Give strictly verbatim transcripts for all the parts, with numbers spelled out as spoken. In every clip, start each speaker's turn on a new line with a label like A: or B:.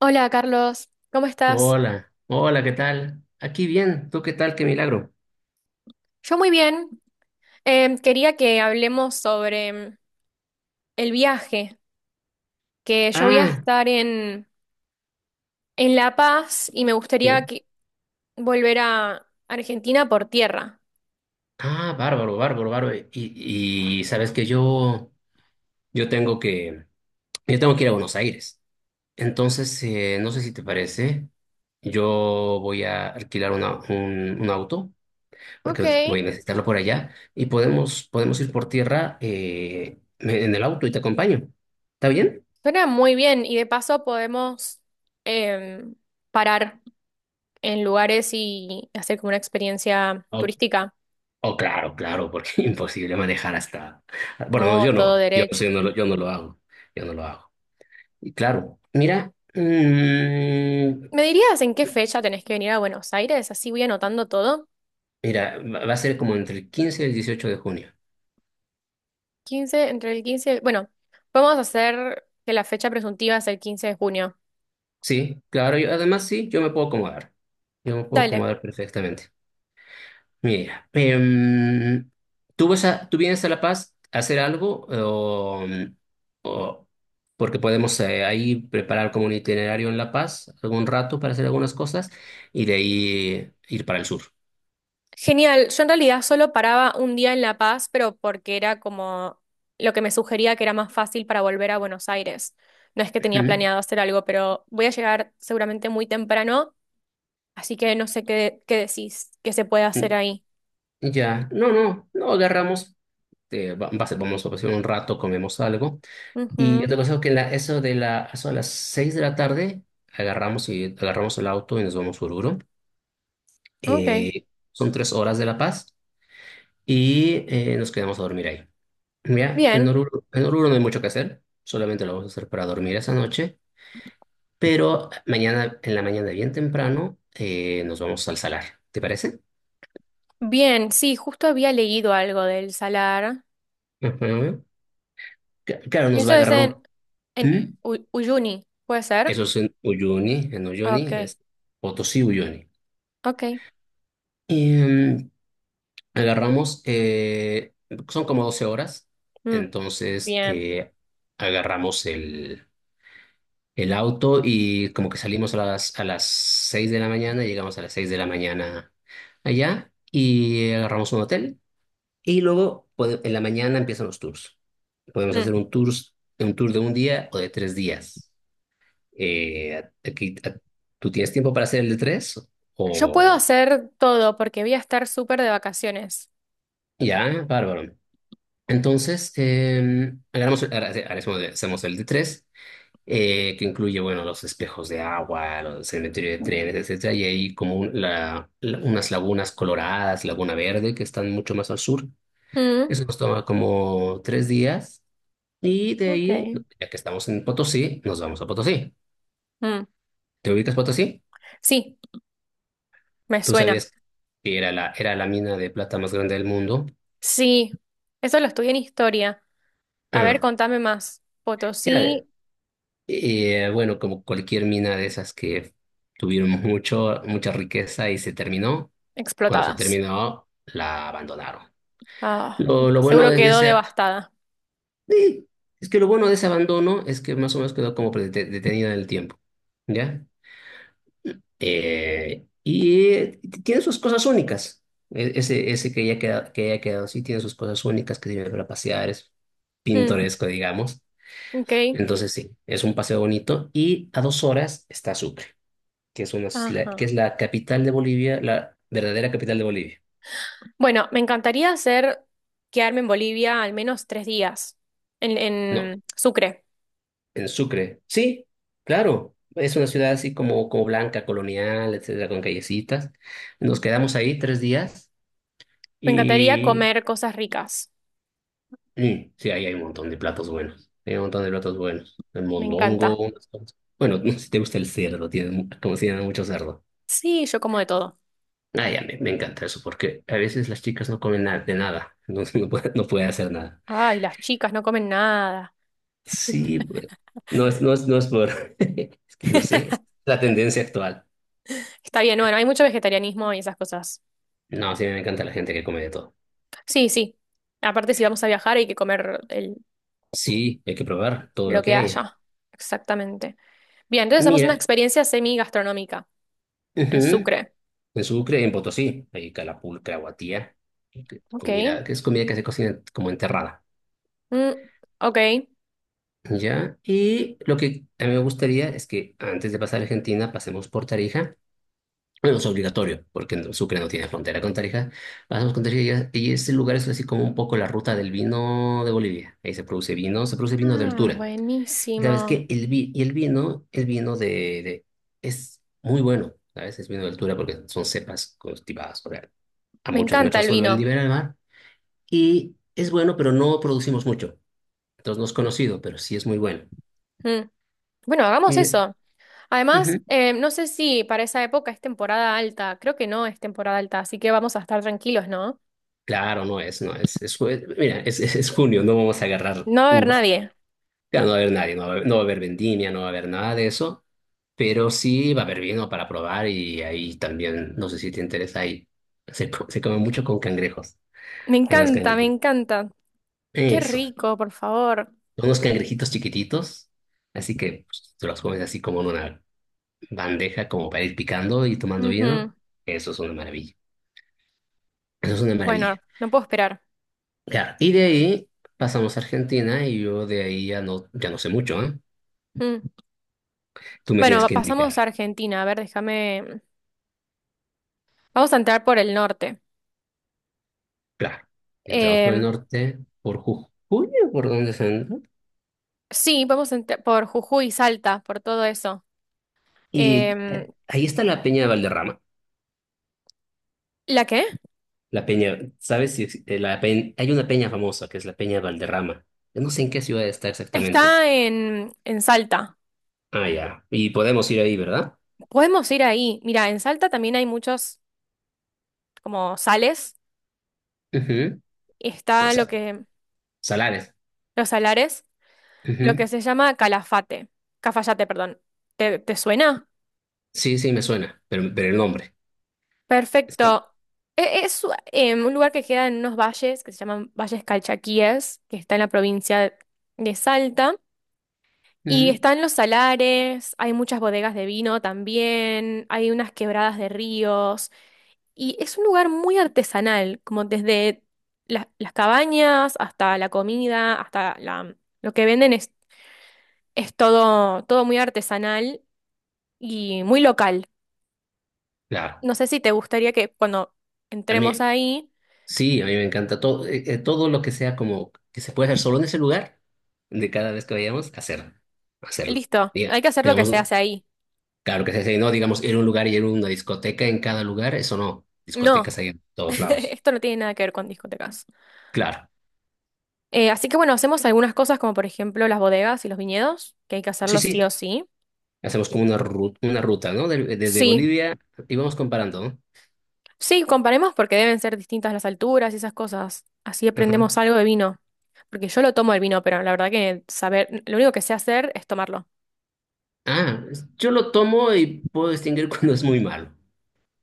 A: Hola Carlos, ¿cómo estás?
B: Hola, hola, ¿qué tal? Aquí bien, ¿tú qué tal? Qué milagro.
A: Yo muy bien. Em, quería que hablemos sobre em, el viaje, que yo voy a
B: Ah,
A: estar en, en La Paz y me
B: sí.
A: gustaría que- volver a Argentina por tierra.
B: Ah, bárbaro, bárbaro, bárbaro. Y, y sabes que yo, yo tengo que, yo tengo que ir a Buenos Aires. Entonces, eh, no sé si te parece, yo voy a alquilar una- un, un auto,
A: Ok,
B: porque voy a necesitarlo por allá, y podemos, podemos ir por tierra eh, en el auto y te acompaño. ¿Está bien?
A: suena muy bien y de paso podemos em, parar en lugares y hacer como una experiencia turística.
B: Oh, claro, claro, porque es imposible manejar hasta. Bueno, no,
A: No,
B: yo
A: todo
B: no, yo, no sé,
A: derecho.
B: yo no lo, yo no lo hago, yo no lo hago. Y claro, mira, mm,
A: ¿Me dirías en qué fecha tenés que venir a Buenos Aires? Así voy anotando todo.
B: mira, va va a ser como entre el quince y el dieciocho de junio.
A: Quince Entre el quince y el... Bueno, vamos a hacer que la fecha presuntiva es el quince de junio.
B: Sí, claro, yo, además sí, yo me puedo acomodar, yo me puedo
A: Dale.
B: acomodar perfectamente. Mira, em, ¿tú vas a, tú vienes a La Paz a hacer algo o, mm, o- porque podemos eh, ahí preparar como un itinerario en La Paz algún rato para hacer algunas cosas y de ahí ir para el sur?
A: Genial. Yo en realidad solo paraba un día en La Paz, pero porque era como lo que me sugería que era más fácil para volver a Buenos Aires. No es que tenía
B: Ujú.
A: planeado hacer algo, pero voy a llegar seguramente muy temprano, así que no sé qué, qué decís que se puede
B: Mm,
A: hacer ahí.
B: Ya, no, no, no agarramos, eh, va- va a ser- vamos a pasar un rato, comemos algo y yo te
A: Ujú.
B: aconsejo que en la- eso de la, eso a las seis de la tarde agarramos y agarramos el auto y nos vamos a Oruro.
A: Ok.
B: Eh, son tres horas de La Paz. Y eh, nos quedamos a dormir ahí. Mira, en
A: Bien.
B: Oruro, en Oruro no hay mucho que hacer, solamente lo vamos a hacer para dormir esa noche, pero mañana, en la mañana bien temprano, eh, nos vamos al salar, ¿te parece?
A: Bien, sí, justo había leído algo del salar.
B: Ujú. Ca- Claro, nos va
A: Eso
B: a
A: es
B: agarrar
A: en,
B: un.
A: en
B: ¿Mm?
A: Uy- Uyuni, ¿puede ser?
B: Eso es en Uyuni, en Uyuni,
A: Ok,
B: es Potosí, Uyuni.
A: ok.
B: Y mm, agarramos, eh, son como doce horas,
A: Mm,
B: entonces
A: bien.
B: eh, agarramos el... el auto y como que salimos a las, a las seis de la mañana, llegamos a las seis de la mañana allá y agarramos un hotel y luego pode- en la mañana empiezan los tours. Podemos
A: Mm.
B: hacer un tour, un tour de un día o de tres días. Eh, aquí, a- ¿tú tienes tiempo para hacer el de tres?
A: Yo puedo
B: O
A: hacer todo porque voy a estar súper de vacaciones.
B: ya, bárbaro. Entonces, eh, agarramos- ahora hace- ahora hacemos hacemos el de tres eh, que incluye, bueno, los espejos de agua, los cementerios de trenes, etcétera, y hay como un- la- la- unas lagunas coloradas, Laguna Verde, que están mucho más al sur.
A: Mm,
B: Eso nos toma como tres días, y de ahí,
A: ok.
B: ya que estamos en Potosí, nos vamos a Potosí.
A: Mm.
B: ¿Te ubicas Potosí?
A: Sí, me
B: ¿Tú
A: suena.
B: sabías que era la, era la mina de plata más grande del mundo?
A: Sí, eso lo estudié en historia. A ver,
B: Ah,
A: contame más.
B: era,
A: Potosí
B: eh, bueno, como cualquier mina de esas que tuvieron mucho, mucha riqueza y se terminó. Cuando se
A: explotadas.
B: terminó, la abandonaron.
A: Ah,
B: Lo, lo bueno
A: seguro
B: de de
A: quedó
B: ese.
A: devastada.
B: Sí, es que lo bueno de ese abandono es que más o menos quedó como prete- detenida en el tiempo, ¿ya? Eh, y eh, tiene sus cosas únicas. E- Ese, ese que ya queda, que haya quedado así tiene sus cosas únicas que sirven para pasear, es
A: Mm,
B: pintoresco, digamos.
A: ok.
B: Entonces sí, es un paseo bonito y a dos horas está Sucre, que es una, isla- que es
A: Ajá.
B: la capital de Bolivia, la verdadera capital de Bolivia.
A: Bueno, me encantaría hacer quedarme en Bolivia al menos tres días, en,
B: No,
A: en Sucre.
B: en Sucre. Sí, claro. Es una ciudad así como, como blanca, colonial, etcétera, con callecitas. Nos quedamos ahí tres días
A: Me encantaría
B: y
A: comer cosas ricas.
B: mm, sí, ahí hay un montón de platos buenos. Hay un montón de platos buenos. El
A: Me encanta.
B: mondongo, unas cosas. Bueno, no sé si te gusta el cerdo, tiene, mu- como si tienen mucho cerdo.
A: Sí, yo como de todo.
B: Ah, ya, me, me encanta eso, porque a veces las chicas no comen nada de nada, entonces no puede, no puede hacer nada.
A: Ay, las chicas no comen nada.
B: Sí, pues, no es, no es, no es por. Es que no sé, es la tendencia actual.
A: Está bien, bueno, hay mucho vegetarianismo y esas cosas.
B: No, sí, me encanta la gente que come de todo.
A: Sí, sí. Aparte, si vamos a viajar hay que comer el-
B: Sí, hay que probar todo lo
A: lo
B: que
A: que
B: hay.
A: haya. Exactamente. Bien, entonces hacemos una
B: Mira,
A: experiencia semi-gastronómica en
B: ujú,
A: Sucre.
B: en Sucre, en Potosí, hay calapulca, guatía, que-
A: Ok.
B: comida, que es comida que se cocina como enterrada.
A: Mm, ok.
B: ¿Ya? Y lo que a mí me gustaría es que antes de pasar a Argentina pasemos por Tarija. Bueno, es obligatorio, porque en Sucre no tiene frontera con Tarija. Pasamos con Tarija y y ese lugar es así como un poco la ruta del vino de Bolivia. Ahí se produce vino, se produce vino de
A: Ah,
B: altura. Sabes
A: buenísimo.
B: que el, vi- y el vino, el vino de, de- es muy bueno, ¿sabes? Es vino de altura porque son cepas cultivadas, o sea, a
A: Me
B: muchos
A: encanta
B: metros
A: el
B: sobre el
A: vino.
B: nivel del mar. Y es bueno, pero no producimos mucho. Entonces no es conocido, pero sí es muy bueno.
A: Mm. Bueno, hagamos
B: Y,
A: eso. Además,
B: ujú,
A: eh, no sé si para esa época es temporada alta. Creo que no es temporada alta, así que vamos a estar tranquilos, ¿no?
B: claro, no es, no es, es jue- mira, es, es, es junio, no vamos a agarrar
A: No va a haber
B: uvas.
A: nadie.
B: Claro, no va a haber nadie, no va a haber, no va a haber vendimia, no va a haber nada de eso. Pero sí va a haber vino para probar y ahí también, no sé si te interesa, ahí se, co- se come mucho con cangrejos.
A: Me
B: Hay unos
A: encanta, me
B: cangrejitos.
A: encanta. Qué
B: Eso.
A: rico, por favor.
B: Unos cangrejitos chiquititos. Así que pues, tú los comes así como en una bandeja, como para ir picando y tomando vino.
A: Ujú.
B: Eso es una maravilla. Eso es una
A: Bueno,
B: maravilla.
A: no puedo esperar.
B: Claro, y de ahí pasamos a Argentina y yo de ahí ya no, ya no sé mucho, ¿eh?
A: Mm.
B: Tú me
A: Bueno,
B: tienes
A: va-
B: que
A: pasamos a
B: indicar.
A: Argentina. A ver, déjame. Vamos a entrar por el norte.
B: Claro. Entramos por el
A: Em,
B: norte, por Jujuy, ¿por dónde se entra?
A: sí, vamos a entrar por Jujuy, Salta, por todo eso.
B: Y
A: Em,
B: ahí está la Peña de Valderrama.
A: ¿La qué?
B: La peña, ¿sabes si ex- eh, la peña, hay una peña famosa que es la Peña Valderrama? Yo no sé en qué ciudad está exactamente.
A: Está en, en Salta.
B: Ah, ya. Y podemos ir ahí, ¿verdad?
A: Podemos ir ahí. Mira, en Salta también hay muchos como sales.
B: Ujú, o
A: Está
B: sea,
A: lo que,
B: salares.
A: los salares, lo
B: Ujú,
A: que se llama Calafate. Cafayate, perdón. ¿Te, te suena?
B: sí, sí, me suena, pero, pero el nombre. Es que,
A: Perfecto. E- Es, em, un lugar que queda en unos valles que se llaman Valles Calchaquíes, que está en la provincia de Salta. Y
B: ujú,
A: están los salares, hay muchas bodegas de vino también, hay unas quebradas de ríos. Y es un lugar muy artesanal, como desde la- las cabañas hasta la comida, hasta la, lo que venden es, es todo, todo muy artesanal y muy local.
B: claro.
A: No sé si te gustaría que cuando
B: A
A: entremos
B: mí,
A: ahí.
B: sí, a mí me encanta todo, eh, eh, todo lo que sea como que se puede hacer solo en ese lugar, de cada vez que vayamos, hacer, hacerlo.
A: Listo, hay
B: Diga,
A: que hacer lo que se
B: digamos,
A: hace ahí.
B: claro que se dice, no, digamos, ir a un lugar y ir a una discoteca en cada lugar, eso no.
A: No,
B: Discotecas hay en todos lados.
A: esto no tiene nada que ver con discotecas.
B: Claro.
A: Eh, así que bueno, hacemos algunas cosas como por ejemplo las bodegas y los viñedos, que hay que
B: Sí,
A: hacerlos sí
B: sí.
A: o sí.
B: Hacemos como una ruta, una ruta, ¿no? Del- desde
A: Sí,
B: Bolivia y vamos comparando, ¿no?
A: sí, comparemos porque deben ser distintas las alturas y esas cosas. Así
B: Ajá.
A: aprendemos algo de vino. Porque yo lo tomo el vino, pero la verdad que saber, lo único que sé hacer es tomarlo.
B: Ah, yo lo tomo y puedo distinguir cuando es muy malo.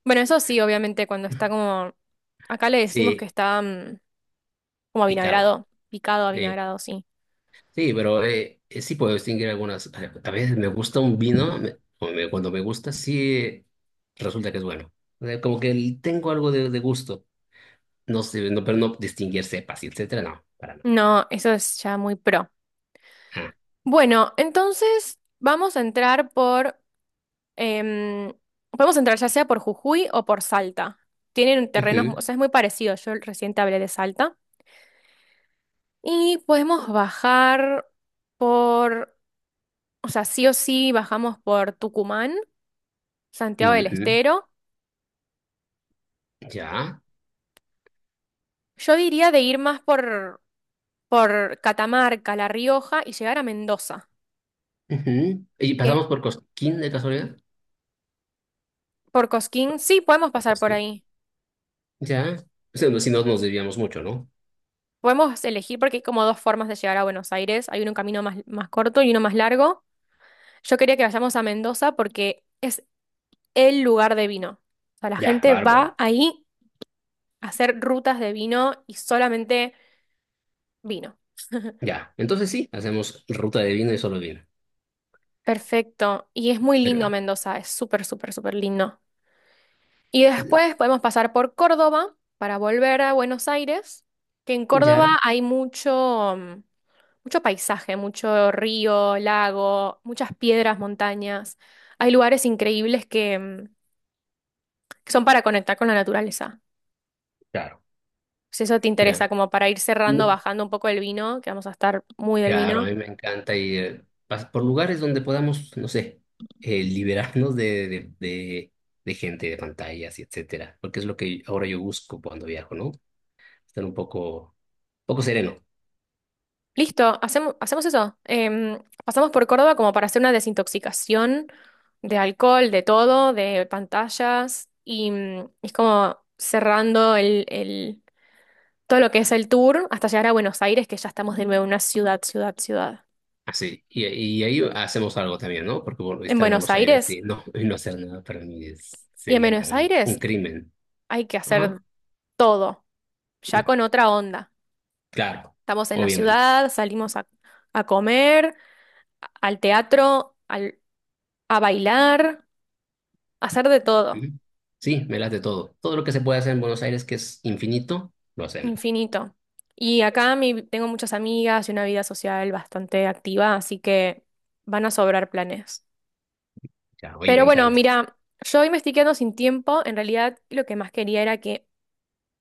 A: Bueno, eso sí, obviamente, cuando está como, acá le decimos que
B: Sí,
A: está mm, como
B: picado.
A: avinagrado, picado
B: Eh,
A: avinagrado, sí.
B: sí, pero eh, eh, sí puedo distinguir algunas. A a veces me gusta un vino, me- o me- cuando me gusta, sí eh, resulta que es bueno. Eh, como que el- tengo algo de, de gusto. No sé, no, pero no distinguir cepas y etcétera, no, para nada.
A: No, eso es ya muy pro.
B: Ah,
A: Bueno, entonces vamos a entrar por, em, podemos entrar ya sea por Jujuy o por Salta. Tienen terrenos, mu-
B: ujú,
A: o sea, es muy parecido. Yo recién te hablé de Salta. Y podemos bajar por, o sea, sí o sí bajamos por Tucumán, Santiago del
B: ujú,
A: Estero.
B: ya.
A: Yo diría de ir más por, por Catamarca, La Rioja y llegar a Mendoza.
B: Ujú. ¿Y
A: Que
B: pasamos por Cosquín de casualidad?
A: por Cosquín, sí, podemos
B: Porque
A: pasar por
B: sí.
A: ahí.
B: Ya, pues si no si no nos desviamos mucho, ¿no?
A: Podemos elegir porque hay como dos formas de llegar a Buenos Aires. Hay un camino más, más corto y uno más largo. Yo quería que vayamos a Mendoza porque es el lugar de vino. O sea, la
B: Ya,
A: gente
B: bárbaro.
A: va ahí a hacer rutas de vino y solamente vino.
B: Ya, entonces sí, hacemos ruta de vino y solo vino.
A: Perfecto. Y es muy lindo
B: Pero,
A: Mendoza, es súper, súper, súper lindo. Y
B: eh,
A: después podemos pasar por Córdoba para volver a Buenos Aires, que en Córdoba
B: ya,
A: hay mucho, mm, mucho paisaje, mucho río, lago, muchas piedras, montañas. Hay lugares increíbles que, mm, que son para conectar con la naturaleza.
B: claro,
A: Si eso te interesa,
B: ya.
A: como para ir cerrando,
B: No,
A: bajando un poco el vino, que vamos a estar muy del
B: claro,
A: vino.
B: a mí me encanta ir pas- por lugares donde podamos, no sé, eh, liberarnos de, de, de, de gente, de pantallas y etcétera. Porque es lo que ahora yo busco cuando viajo, ¿no? Estar un poco, poco sereno.
A: Listo, hacemos, hacemos eso. Em, pasamos por Córdoba como para hacer una desintoxicación de alcohol, de todo, de pantallas, y mm, es como cerrando el, el- todo lo que es el tour hasta llegar a Buenos Aires, que ya estamos de nuevo en una ciudad, ciudad, ciudad.
B: Así, y, y ahí hacemos algo también, ¿no? Porque bueno,
A: En
B: estar en
A: Buenos
B: Buenos Aires
A: Aires.
B: y no, y no hacer nada para mí es-
A: Y en
B: sería
A: Buenos
B: un, un
A: Aires
B: crimen.
A: hay que
B: Ajá.
A: hacer todo, ya con otra onda.
B: Claro,
A: Estamos en la
B: obviamente.
A: ciudad, salimos a, a comer, a- al teatro, al- a bailar, a hacer de todo,
B: Ujú. Sí, me late todo. Todo lo que se puede hacer en Buenos Aires, que es infinito, lo hacemos.
A: infinito. Y acá mi- tengo muchas amigas y una vida social bastante activa, así que van a sobrar planes.
B: Ya, oye, me
A: Pero bueno,
B: encanta.
A: mira, yo hoy me estoy quedando sin tiempo. En realidad, lo que más quería era que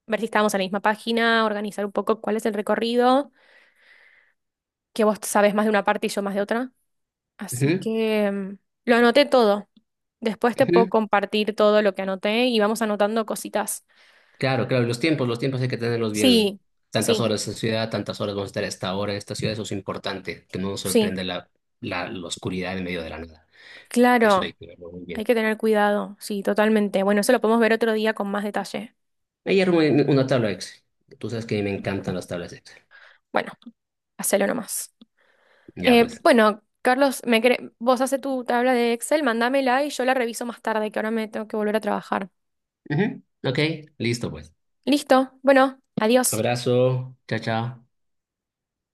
A: ver si estábamos en la misma página, organizar un poco cuál es el recorrido. Que vos sabes más de una parte y yo más de otra. Así
B: Ujú,
A: que mm, lo anoté todo. Después te puedo
B: ujú.
A: compartir todo lo que anoté y vamos anotando cositas.
B: Claro, claro, y los tiempos, los tiempos hay que tenerlos bien.
A: Sí,
B: Tantas
A: sí,
B: horas en esta ciudad, tantas horas vamos a estar a esta hora en esta ciudad, eso es importante, que no nos
A: sí,
B: sorprenda la, la, la oscuridad en medio de la nada. Eso hay
A: claro.
B: que verlo muy
A: Hay
B: bien.
A: que tener cuidado. Sí, totalmente. Bueno, eso lo podemos ver otro día con más detalle.
B: Me dieron un- una tabla Excel. Tú sabes que a mí me encantan las tablas Excel.
A: Bueno, hacelo nomás.
B: Ya
A: Eh,
B: pues.
A: bueno, Carlos, me cre- vos hace tu tabla de Excel, mandámela y yo la reviso más tarde, que ahora me tengo que volver a trabajar.
B: Ujú. Ok, listo pues.
A: Listo. Bueno, adiós.
B: Abrazo. Chao, chao.